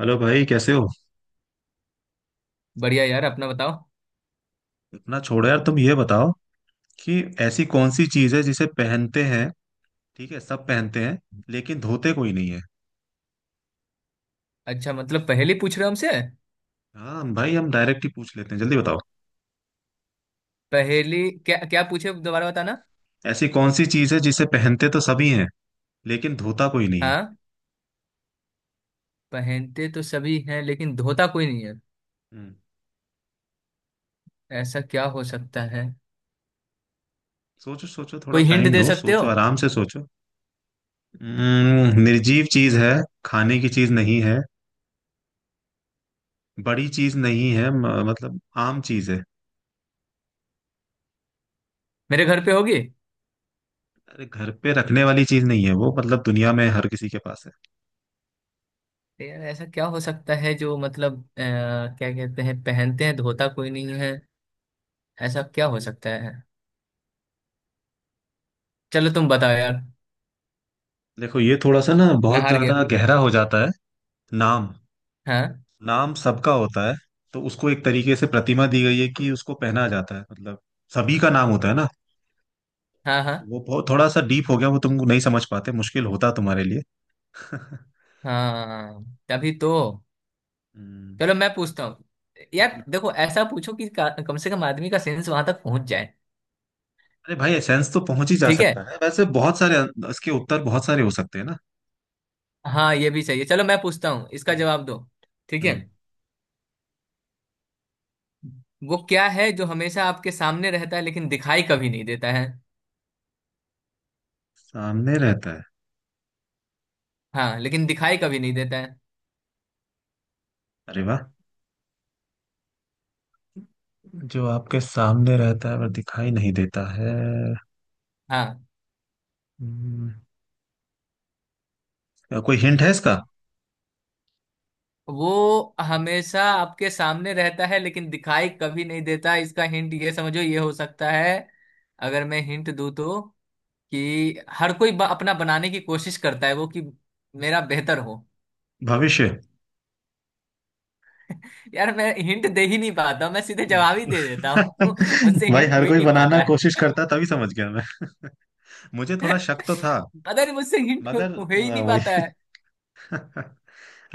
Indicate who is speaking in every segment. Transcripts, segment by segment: Speaker 1: Hello भाई, कैसे हो।
Speaker 2: बढ़िया यार। अपना बताओ।
Speaker 1: इतना छोड़ो यार, तुम ये बताओ कि ऐसी कौन सी चीज है जिसे पहनते हैं। ठीक है, सब पहनते हैं लेकिन धोते कोई नहीं है।
Speaker 2: अच्छा, मतलब पहेली पूछ रहे हो हमसे।
Speaker 1: हाँ भाई, हम डायरेक्ट ही पूछ लेते हैं, जल्दी बताओ।
Speaker 2: पहेली? क्या क्या पूछे दोबारा बताना।
Speaker 1: ऐसी कौन सी चीज है जिसे पहनते तो सभी हैं लेकिन धोता कोई नहीं है।
Speaker 2: हाँ। पहनते तो सभी हैं लेकिन धोता कोई नहीं है।
Speaker 1: हम्म।
Speaker 2: ऐसा क्या हो सकता है?
Speaker 1: सोचो सोचो, थोड़ा
Speaker 2: कोई हिंट
Speaker 1: टाइम
Speaker 2: दे
Speaker 1: लो,
Speaker 2: सकते हो?
Speaker 1: सोचो आराम से सोचो। निर्जीव चीज है। खाने की चीज नहीं है। बड़ी चीज नहीं है, मतलब आम चीज है।
Speaker 2: मेरे घर पे होगी।
Speaker 1: अरे, घर पे रखने वाली चीज नहीं है वो, मतलब दुनिया में हर किसी के पास है।
Speaker 2: तो यार ऐसा क्या हो सकता है जो मतलब क्या कहते हैं पहनते हैं धोता कोई नहीं है। ऐसा क्या हो सकता है? चलो तुम बताओ यार।
Speaker 1: देखो, ये थोड़ा सा ना
Speaker 2: मैं
Speaker 1: बहुत
Speaker 2: हार गया।
Speaker 1: ज्यादा गहरा हो जाता है। नाम।
Speaker 2: हाँ।
Speaker 1: नाम सबका होता है, तो उसको एक तरीके से प्रतिमा दी गई है कि उसको पहना जाता है, मतलब सभी का नाम होता है ना।
Speaker 2: हाँ। हाँ।
Speaker 1: तो वो बहुत थोड़ा सा डीप हो गया, वो तुम नहीं समझ पाते, मुश्किल होता तुम्हारे लिए
Speaker 2: हाँ। तभी तो।
Speaker 1: हम्म,
Speaker 2: चलो, मैं पूछता हूँ।
Speaker 1: पू-
Speaker 2: यार देखो, ऐसा पूछो कि कम से कम आदमी का सेंस वहां तक पहुंच जाए।
Speaker 1: अरे भाई, एसेंस तो पहुंच ही जा
Speaker 2: ठीक है।
Speaker 1: सकता है, वैसे बहुत सारे इसके उत्तर बहुत सारे हो सकते हैं ना।
Speaker 2: हाँ, ये भी सही है। चलो मैं पूछता हूँ, इसका
Speaker 1: हम्म।
Speaker 2: जवाब दो। ठीक है।
Speaker 1: हम्म।
Speaker 2: वो क्या है जो हमेशा आपके सामने रहता है लेकिन दिखाई कभी नहीं देता है?
Speaker 1: सामने रहता है।
Speaker 2: हाँ, लेकिन दिखाई कभी नहीं देता है।
Speaker 1: अरे वाह। जो आपके सामने रहता है पर दिखाई नहीं देता है।
Speaker 2: हाँ।
Speaker 1: हम्म, कोई हिंट है इसका?
Speaker 2: वो हमेशा आपके सामने रहता है लेकिन दिखाई कभी नहीं देता। इसका हिंट ये समझो, ये हो सकता है। अगर मैं हिंट दूँ तो। कि, हर कोई अपना बनाने की कोशिश करता है, वो कि। मेरा बेहतर हो।
Speaker 1: भविष्य।
Speaker 2: यार मैं हिंट दे ही नहीं पाता हूँ, मैं सीधे जवाब ही दे देता हूँ। मुझसे
Speaker 1: भाई,
Speaker 2: हिंट हो
Speaker 1: हर
Speaker 2: ही
Speaker 1: कोई
Speaker 2: नहीं
Speaker 1: बनाना
Speaker 2: पाता
Speaker 1: कोशिश
Speaker 2: है।
Speaker 1: करता, तभी समझ गया मैं। मुझे थोड़ा शक तो था
Speaker 2: पता नहीं मुझसे हिंट हो,
Speaker 1: मगर
Speaker 2: हो ही नहीं
Speaker 1: वही
Speaker 2: पाता है।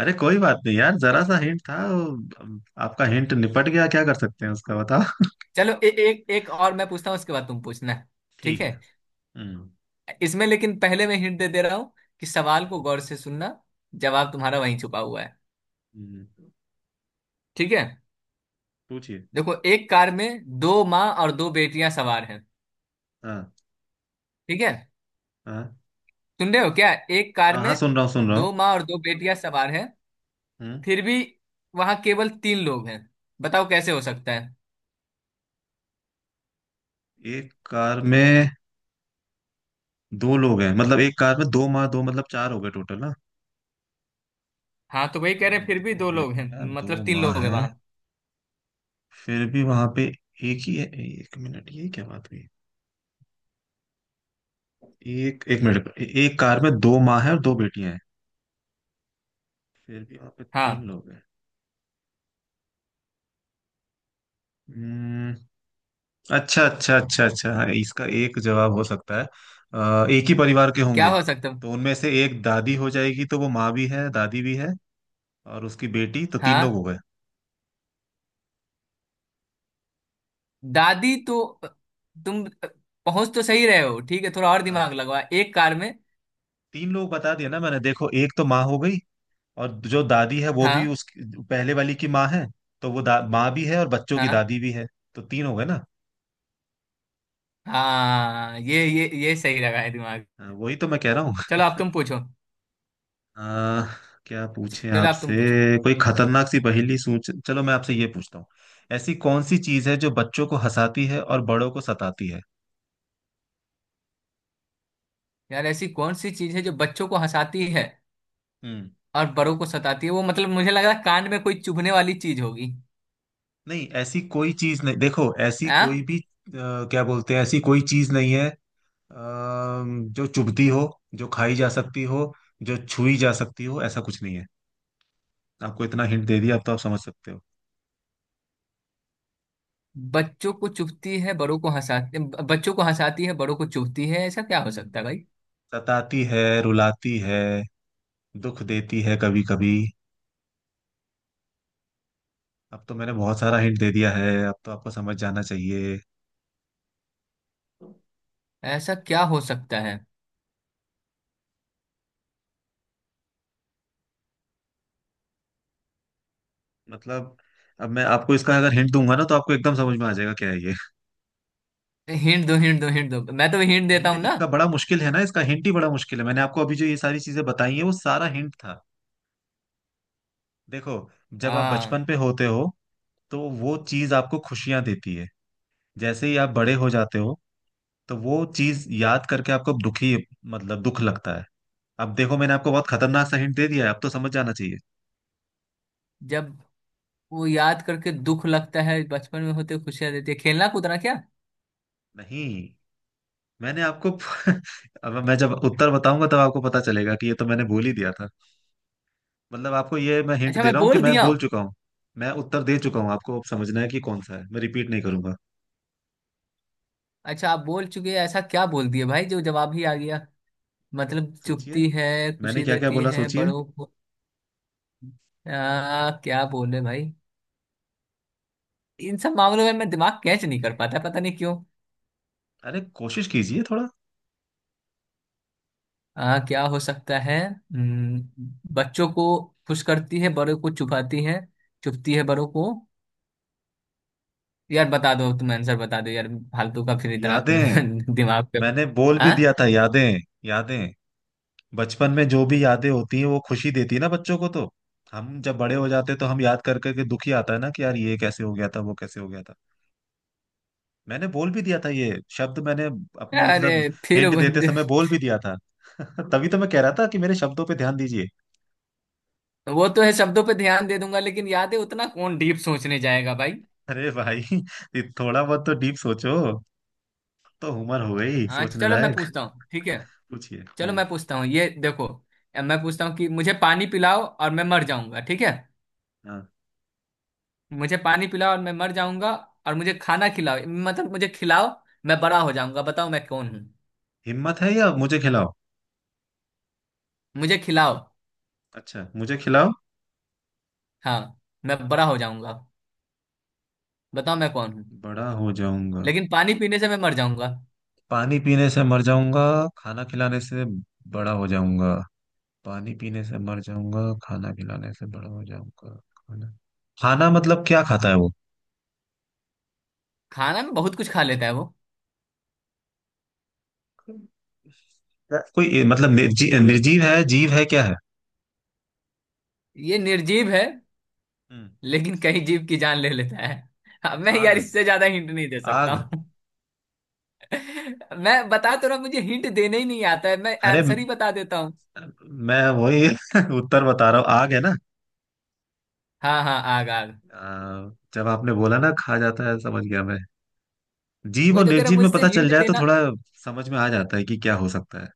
Speaker 1: अरे कोई बात नहीं यार, जरा सा हिंट था वो। आपका हिंट निपट गया, क्या कर सकते हैं उसका बताओ।
Speaker 2: चलो, एक एक और मैं पूछता हूँ, उसके बाद तुम पूछना है। ठीक
Speaker 1: ठीक
Speaker 2: है।
Speaker 1: है। हम्म।
Speaker 2: इसमें लेकिन पहले मैं हिंट दे दे रहा हूँ, कि सवाल को गौर से सुनना। जवाब तुम्हारा वहीं छुपा हुआ है।
Speaker 1: हम्म,
Speaker 2: ठीक है।
Speaker 1: पूछिए।
Speaker 2: देखो, एक कार में दो माँ और दो बेटियां सवार हैं।
Speaker 1: हाँ
Speaker 2: ठीक है।
Speaker 1: हाँ।
Speaker 2: सुन रहे हो क्या? एक कार
Speaker 1: हाँ
Speaker 2: में
Speaker 1: हाँ, सुन रहा हूँ सुन रहा हूँ।
Speaker 2: दो माँ और दो बेटियां सवार हैं।
Speaker 1: हम्म,
Speaker 2: फिर भी वहां केवल तीन लोग हैं। बताओ कैसे हो सकता है?
Speaker 1: एक कार में दो लोग हैं, मतलब एक कार में दो माँ दो, मतलब चार हो गए टोटल ना।
Speaker 2: हाँ, तो वही
Speaker 1: अ,
Speaker 2: कह रहे हैं, फिर भी
Speaker 1: दो
Speaker 2: दो लोग हैं।
Speaker 1: बेटियां दो
Speaker 2: मतलब तीन
Speaker 1: माँ
Speaker 2: लोग हैं
Speaker 1: है।
Speaker 2: वहां।
Speaker 1: फिर भी वहां पे एक ही है, एक मिनट ये क्या बात हुई। एक एक मिनट, एक कार में दो माँ है और दो बेटियां हैं। फिर भी वहां पे तीन
Speaker 2: हाँ।
Speaker 1: लोग हैं। हम्म। अच्छा अच्छा अच्छा अच्छा, हाँ, इसका एक जवाब हो सकता है। एक ही परिवार के
Speaker 2: क्या
Speaker 1: होंगे।
Speaker 2: हो सकता है?
Speaker 1: तो उनमें से एक दादी हो जाएगी, तो वो माँ भी है दादी भी है, और उसकी बेटी, तो तीन
Speaker 2: हाँ।
Speaker 1: लोग हो गए।
Speaker 2: दादी तो, तुम पहुंच तो सही रहे हो। ठीक है, थोड़ा और
Speaker 1: हाँ,
Speaker 2: दिमाग लगवा एक कार में।
Speaker 1: तीन लोग बता दिया ना मैंने। देखो, एक तो माँ हो गई, और जो दादी है वो भी
Speaker 2: हाँ।
Speaker 1: उस पहले वाली की माँ है। तो वो माँ भी है और बच्चों की
Speaker 2: हाँ।
Speaker 1: दादी भी है। तो तीन हो गए ना।
Speaker 2: हाँ, ये सही लगा है दिमाग।
Speaker 1: हाँ, वही तो मैं कह रहा हूँ।
Speaker 2: चलो, अब तुम पूछो।
Speaker 1: आ, क्या पूछे
Speaker 2: चलो, अब
Speaker 1: आपसे।
Speaker 2: तुम पूछो।
Speaker 1: कोई खतरनाक सी पहेली सोच, चलो मैं आपसे ये पूछता हूँ। ऐसी कौन सी चीज है जो बच्चों को हंसाती है और बड़ों को सताती है?
Speaker 2: यार, ऐसी कौन सी चीज है जो बच्चों को हंसाती है
Speaker 1: हम्म।
Speaker 2: और बड़ों को सताती है? वो मतलब मुझे लग रहा है कान में कोई चुभने वाली चीज होगी।
Speaker 1: नहीं, ऐसी कोई चीज नहीं। देखो, ऐसी
Speaker 2: हाँ।
Speaker 1: कोई भी क्या बोलते हैं, ऐसी कोई चीज नहीं है जो चुभती हो, जो खाई जा सकती हो, जो छुई जा सकती हो, ऐसा कुछ नहीं है। आपको इतना हिंट दे दिया, अब तो आप समझ सकते हो।
Speaker 2: बच्चों को चुभती है बड़ों को हंसाती, बच्चों को हंसाती है बड़ों को चुभती है, ऐसा क्या हो सकता है भाई?
Speaker 1: सताती है, रुलाती है, दुख देती है कभी कभी। अब तो मैंने बहुत सारा हिंट दे दिया है, अब तो आपको समझ जाना चाहिए।
Speaker 2: ऐसा क्या हो सकता है?
Speaker 1: मतलब, अब मैं आपको इसका अगर हिंट दूंगा ना, तो आपको एकदम समझ में आ जाएगा क्या है ये।
Speaker 2: हिंट दो, हिंट दो, हिंट दो, मैं तो हिंट देता
Speaker 1: हिंट
Speaker 2: हूँ ना।
Speaker 1: इसका बड़ा मुश्किल है ना, इसका हिंट ही बड़ा मुश्किल है। मैंने आपको अभी जो ये सारी चीजें बताई हैं वो सारा हिंट था। देखो, जब आप
Speaker 2: हाँ।
Speaker 1: बचपन पे होते हो तो वो चीज आपको खुशियां देती है। जैसे ही आप बड़े हो जाते हो, तो वो चीज याद करके आपको दुखी, मतलब दुख लगता है। अब देखो, मैंने आपको बहुत खतरनाक सा हिंट दे दिया है, अब तो समझ जाना चाहिए।
Speaker 2: जब, वो याद करके दुख लगता है, बचपन में होते खुशियां देती है, खेलना कूदना क्या?
Speaker 1: नहीं, मैंने आपको अब मैं जब उत्तर बताऊंगा तब आपको पता चलेगा कि ये तो मैंने बोल ही दिया था। मतलब आपको ये मैं हिंट
Speaker 2: अच्छा,
Speaker 1: दे
Speaker 2: मैं
Speaker 1: रहा हूँ कि
Speaker 2: बोल
Speaker 1: मैं
Speaker 2: दिया।
Speaker 1: बोल चुका हूँ। मैं उत्तर दे चुका हूँ आपको, अब समझना है कि कौन सा है, मैं रिपीट नहीं करूंगा।
Speaker 2: अच्छा, आप बोल चुके हैं, ऐसा क्या बोल दिया भाई जो जवाब ही आ गया? मतलब
Speaker 1: सोचिए,
Speaker 2: चुपती है।
Speaker 1: मैंने
Speaker 2: खुशी
Speaker 1: क्या क्या
Speaker 2: देती
Speaker 1: बोला
Speaker 2: है
Speaker 1: सोचिए।
Speaker 2: बड़ों को। क्या बोले भाई। इन सब मामलों में मैं दिमाग कैच नहीं कर पाता, पता नहीं क्यों।
Speaker 1: अरे कोशिश कीजिए थोड़ा।
Speaker 2: क्या हो सकता है, बच्चों को खुश करती है, बड़ों को चुपाती है। चुपती है बड़ों को। यार बता दो तुम, आंसर बता दो यार। फालतू का फिर इतना
Speaker 1: यादें।
Speaker 2: दिमाग पे।
Speaker 1: मैंने बोल भी
Speaker 2: हाँ।
Speaker 1: दिया था, यादें। यादें। बचपन में जो भी यादें होती हैं वो खुशी देती है ना बच्चों को। तो हम जब बड़े हो जाते हैं तो हम याद कर करके दुखी आता है ना कि यार, ये कैसे हो गया था, वो कैसे हो गया था। मैंने बोल भी दिया था ये शब्द, मैंने अपने
Speaker 2: अरे,
Speaker 1: मतलब
Speaker 2: फिर
Speaker 1: हिंट
Speaker 2: वो
Speaker 1: देते समय बोल भी दिया था तभी तो मैं कह रहा था कि मेरे शब्दों पे ध्यान दीजिए।
Speaker 2: वो तो है। शब्दों पे ध्यान दे दूंगा, लेकिन याद है उतना कौन डीप सोचने जाएगा भाई?
Speaker 1: अरे भाई, ये थोड़ा बहुत तो डीप सोचो, तो उम्र हो गई
Speaker 2: हाँ,
Speaker 1: सोचने
Speaker 2: चलो मैं
Speaker 1: लायक।
Speaker 2: पूछता हूँ, ठीक है।
Speaker 1: पूछिए।
Speaker 2: चलो
Speaker 1: हम्म।
Speaker 2: मैं पूछता हूँ, ये देखो। मैं पूछता हूँ कि मुझे पानी पिलाओ और मैं मर जाऊंगा, ठीक है।
Speaker 1: हाँ।
Speaker 2: मुझे पानी पिलाओ और मैं मर जाऊंगा। और मुझे खाना खिलाओ, मतलब मुझे खिलाओ। मैं बड़ा हो जाऊंगा, बताओ मैं कौन हूँ?
Speaker 1: हिम्मत है या मुझे खिलाओ?
Speaker 2: मुझे खिलाओ।
Speaker 1: अच्छा, मुझे खिलाओ।
Speaker 2: हाँ। मैं बड़ा हो जाऊंगा। बताओ मैं कौन हूँ?
Speaker 1: बड़ा हो जाऊंगा।
Speaker 2: लेकिन पानी पीने से मैं मर जाऊंगा।
Speaker 1: पानी पीने से मर जाऊंगा, खाना खिलाने से बड़ा हो जाऊंगा। पानी पीने से मर जाऊंगा, खाना खिलाने से बड़ा हो जाऊंगा। खाना। खाना मतलब क्या खाता है वो?
Speaker 2: खाना में बहुत कुछ खा लेता है वो।
Speaker 1: कोई, मतलब निर्जीव है, जीव है, क्या है?
Speaker 2: ये निर्जीव है।
Speaker 1: हम्म।
Speaker 2: लेकिन कई जीव की जान ले लेता है। अब मैं
Speaker 1: आग।
Speaker 2: यार इससे ज्यादा हिंट नहीं दे सकता
Speaker 1: आग।
Speaker 2: हूँ। मैं बता तो रहा हूँ, मुझे हिंट देना ही नहीं आता है, मैं
Speaker 1: अरे
Speaker 2: आंसर ही बता देता हूँ।
Speaker 1: मैं वही उत्तर बता रहा हूँ, आग है ना।
Speaker 2: हाँ, हाँ, आग, आग।
Speaker 1: जब आपने बोला ना खा जाता है, समझ गया मैं। जीव
Speaker 2: वही
Speaker 1: और
Speaker 2: तो कह रहा हूँ,
Speaker 1: निर्जीव में
Speaker 2: मुझसे
Speaker 1: पता चल
Speaker 2: हिंट
Speaker 1: जाए तो
Speaker 2: देना।
Speaker 1: थोड़ा समझ में आ जाता है कि क्या हो सकता है।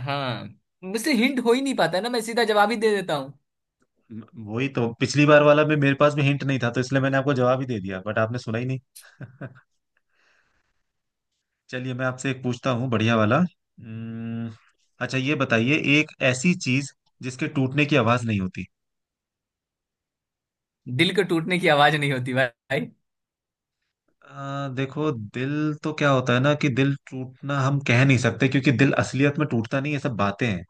Speaker 2: हाँ। मुझसे हिंट हो ही नहीं पाता ना, मैं सीधा जवाब ही दे देता हूँ।
Speaker 1: म- वही तो पिछली बार वाला में मेरे पास में हिंट नहीं था, तो इसलिए मैंने आपको जवाब ही दे दिया, बट आपने सुना ही नहीं चलिए, मैं आपसे एक पूछता हूँ बढ़िया वाला। हम्म। अच्छा, ये बताइए एक ऐसी चीज जिसके टूटने की आवाज नहीं होती।
Speaker 2: दिल के टूटने की आवाज नहीं होती भाई।
Speaker 1: देखो, दिल तो क्या होता है ना, कि दिल टूटना हम कह नहीं सकते, क्योंकि दिल असलियत में टूटता नहीं, ये सब बातें हैं।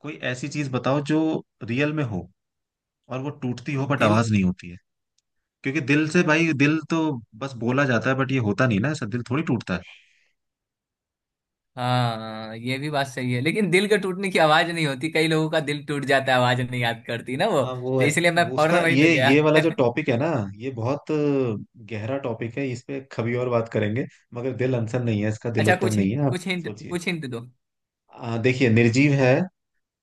Speaker 1: कोई ऐसी चीज बताओ जो रियल में हो और वो टूटती हो, बट
Speaker 2: दिल।
Speaker 1: आवाज नहीं होती है। क्योंकि दिल से, भाई, दिल तो बस बोला जाता है, बट ये होता नहीं ना, ऐसा दिल थोड़ी टूटता है।
Speaker 2: हाँ, ये भी बात सही है, लेकिन दिल के टूटने की आवाज नहीं होती, कई लोगों का दिल टूट जाता है, आवाज नहीं याद करती ना वो।
Speaker 1: हाँ, वो
Speaker 2: तो इसलिए मैं
Speaker 1: वो उसका
Speaker 2: फौरन वहीं पे
Speaker 1: ये
Speaker 2: गया।
Speaker 1: ये वाला जो टॉपिक है ना। ये बहुत गहरा टॉपिक है, इस पे कभी और बात करेंगे। मगर दिल आंसर नहीं है इसका, दिल
Speaker 2: अच्छा,
Speaker 1: उत्तर
Speaker 2: कुछ
Speaker 1: नहीं है आप।
Speaker 2: कुछ हिंट,
Speaker 1: सोचिए।
Speaker 2: कुछ हिंट दो।
Speaker 1: देखिए, निर्जीव है,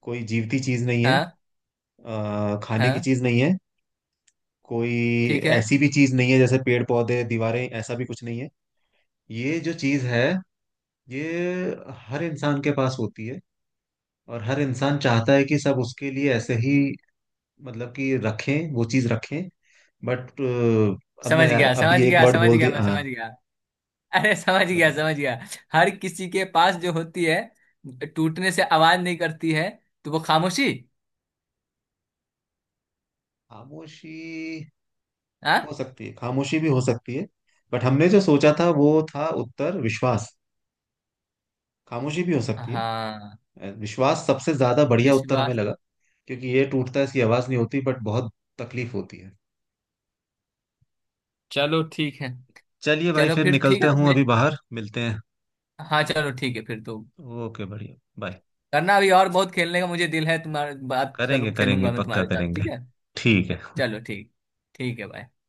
Speaker 1: कोई जीवती चीज नहीं है।
Speaker 2: हाँ।
Speaker 1: खाने की
Speaker 2: हाँ।
Speaker 1: चीज नहीं है। कोई
Speaker 2: ठीक है।
Speaker 1: ऐसी भी चीज नहीं है जैसे पेड़ पौधे दीवारें, ऐसा भी कुछ नहीं है। ये जो चीज है, ये हर इंसान के पास होती है, और हर इंसान चाहता है कि सब उसके लिए ऐसे ही, मतलब कि रखें, वो चीज रखें। बट अब
Speaker 2: समझ
Speaker 1: मैं यार
Speaker 2: गया, समझ
Speaker 1: अभी एक
Speaker 2: गया,
Speaker 1: वर्ड
Speaker 2: समझ
Speaker 1: बोल
Speaker 2: गया, मैं
Speaker 1: दिया,
Speaker 2: समझ
Speaker 1: हाँ
Speaker 2: गया। अरे, समझ गया,
Speaker 1: बताइए।
Speaker 2: समझ गया। हर किसी के पास जो होती है, टूटने से आवाज नहीं करती है, तो वो खामोशी।
Speaker 1: खामोशी। हो
Speaker 2: हाँ।
Speaker 1: सकती है खामोशी, भी हो सकती है, बट हमने जो सोचा था वो था उत्तर विश्वास। खामोशी भी हो सकती है।
Speaker 2: हाँ।
Speaker 1: विश्वास सबसे ज्यादा बढ़िया उत्तर हमें
Speaker 2: विश्वास।
Speaker 1: लगा, क्योंकि ये टूटता है, इसकी आवाज नहीं होती, बट बहुत तकलीफ होती है।
Speaker 2: चलो, ठीक है।
Speaker 1: चलिए भाई,
Speaker 2: चलो,
Speaker 1: फिर
Speaker 2: फिर ठीक
Speaker 1: निकलते
Speaker 2: है, तो
Speaker 1: हूँ,
Speaker 2: मुझे।
Speaker 1: अभी बाहर मिलते हैं।
Speaker 2: हाँ, चलो ठीक है फिर तो।
Speaker 1: ओके, बढ़िया, बाय।
Speaker 2: करना अभी, और बहुत खेलने का मुझे दिल है तुम्हारे, बात
Speaker 1: करेंगे
Speaker 2: करूँ,
Speaker 1: करेंगे,
Speaker 2: खेलूंगा मैं
Speaker 1: पक्का
Speaker 2: तुम्हारे साथ,
Speaker 1: करेंगे।
Speaker 2: ठीक है।
Speaker 1: ठीक है।
Speaker 2: चलो, ठीक। ठीक है भाई।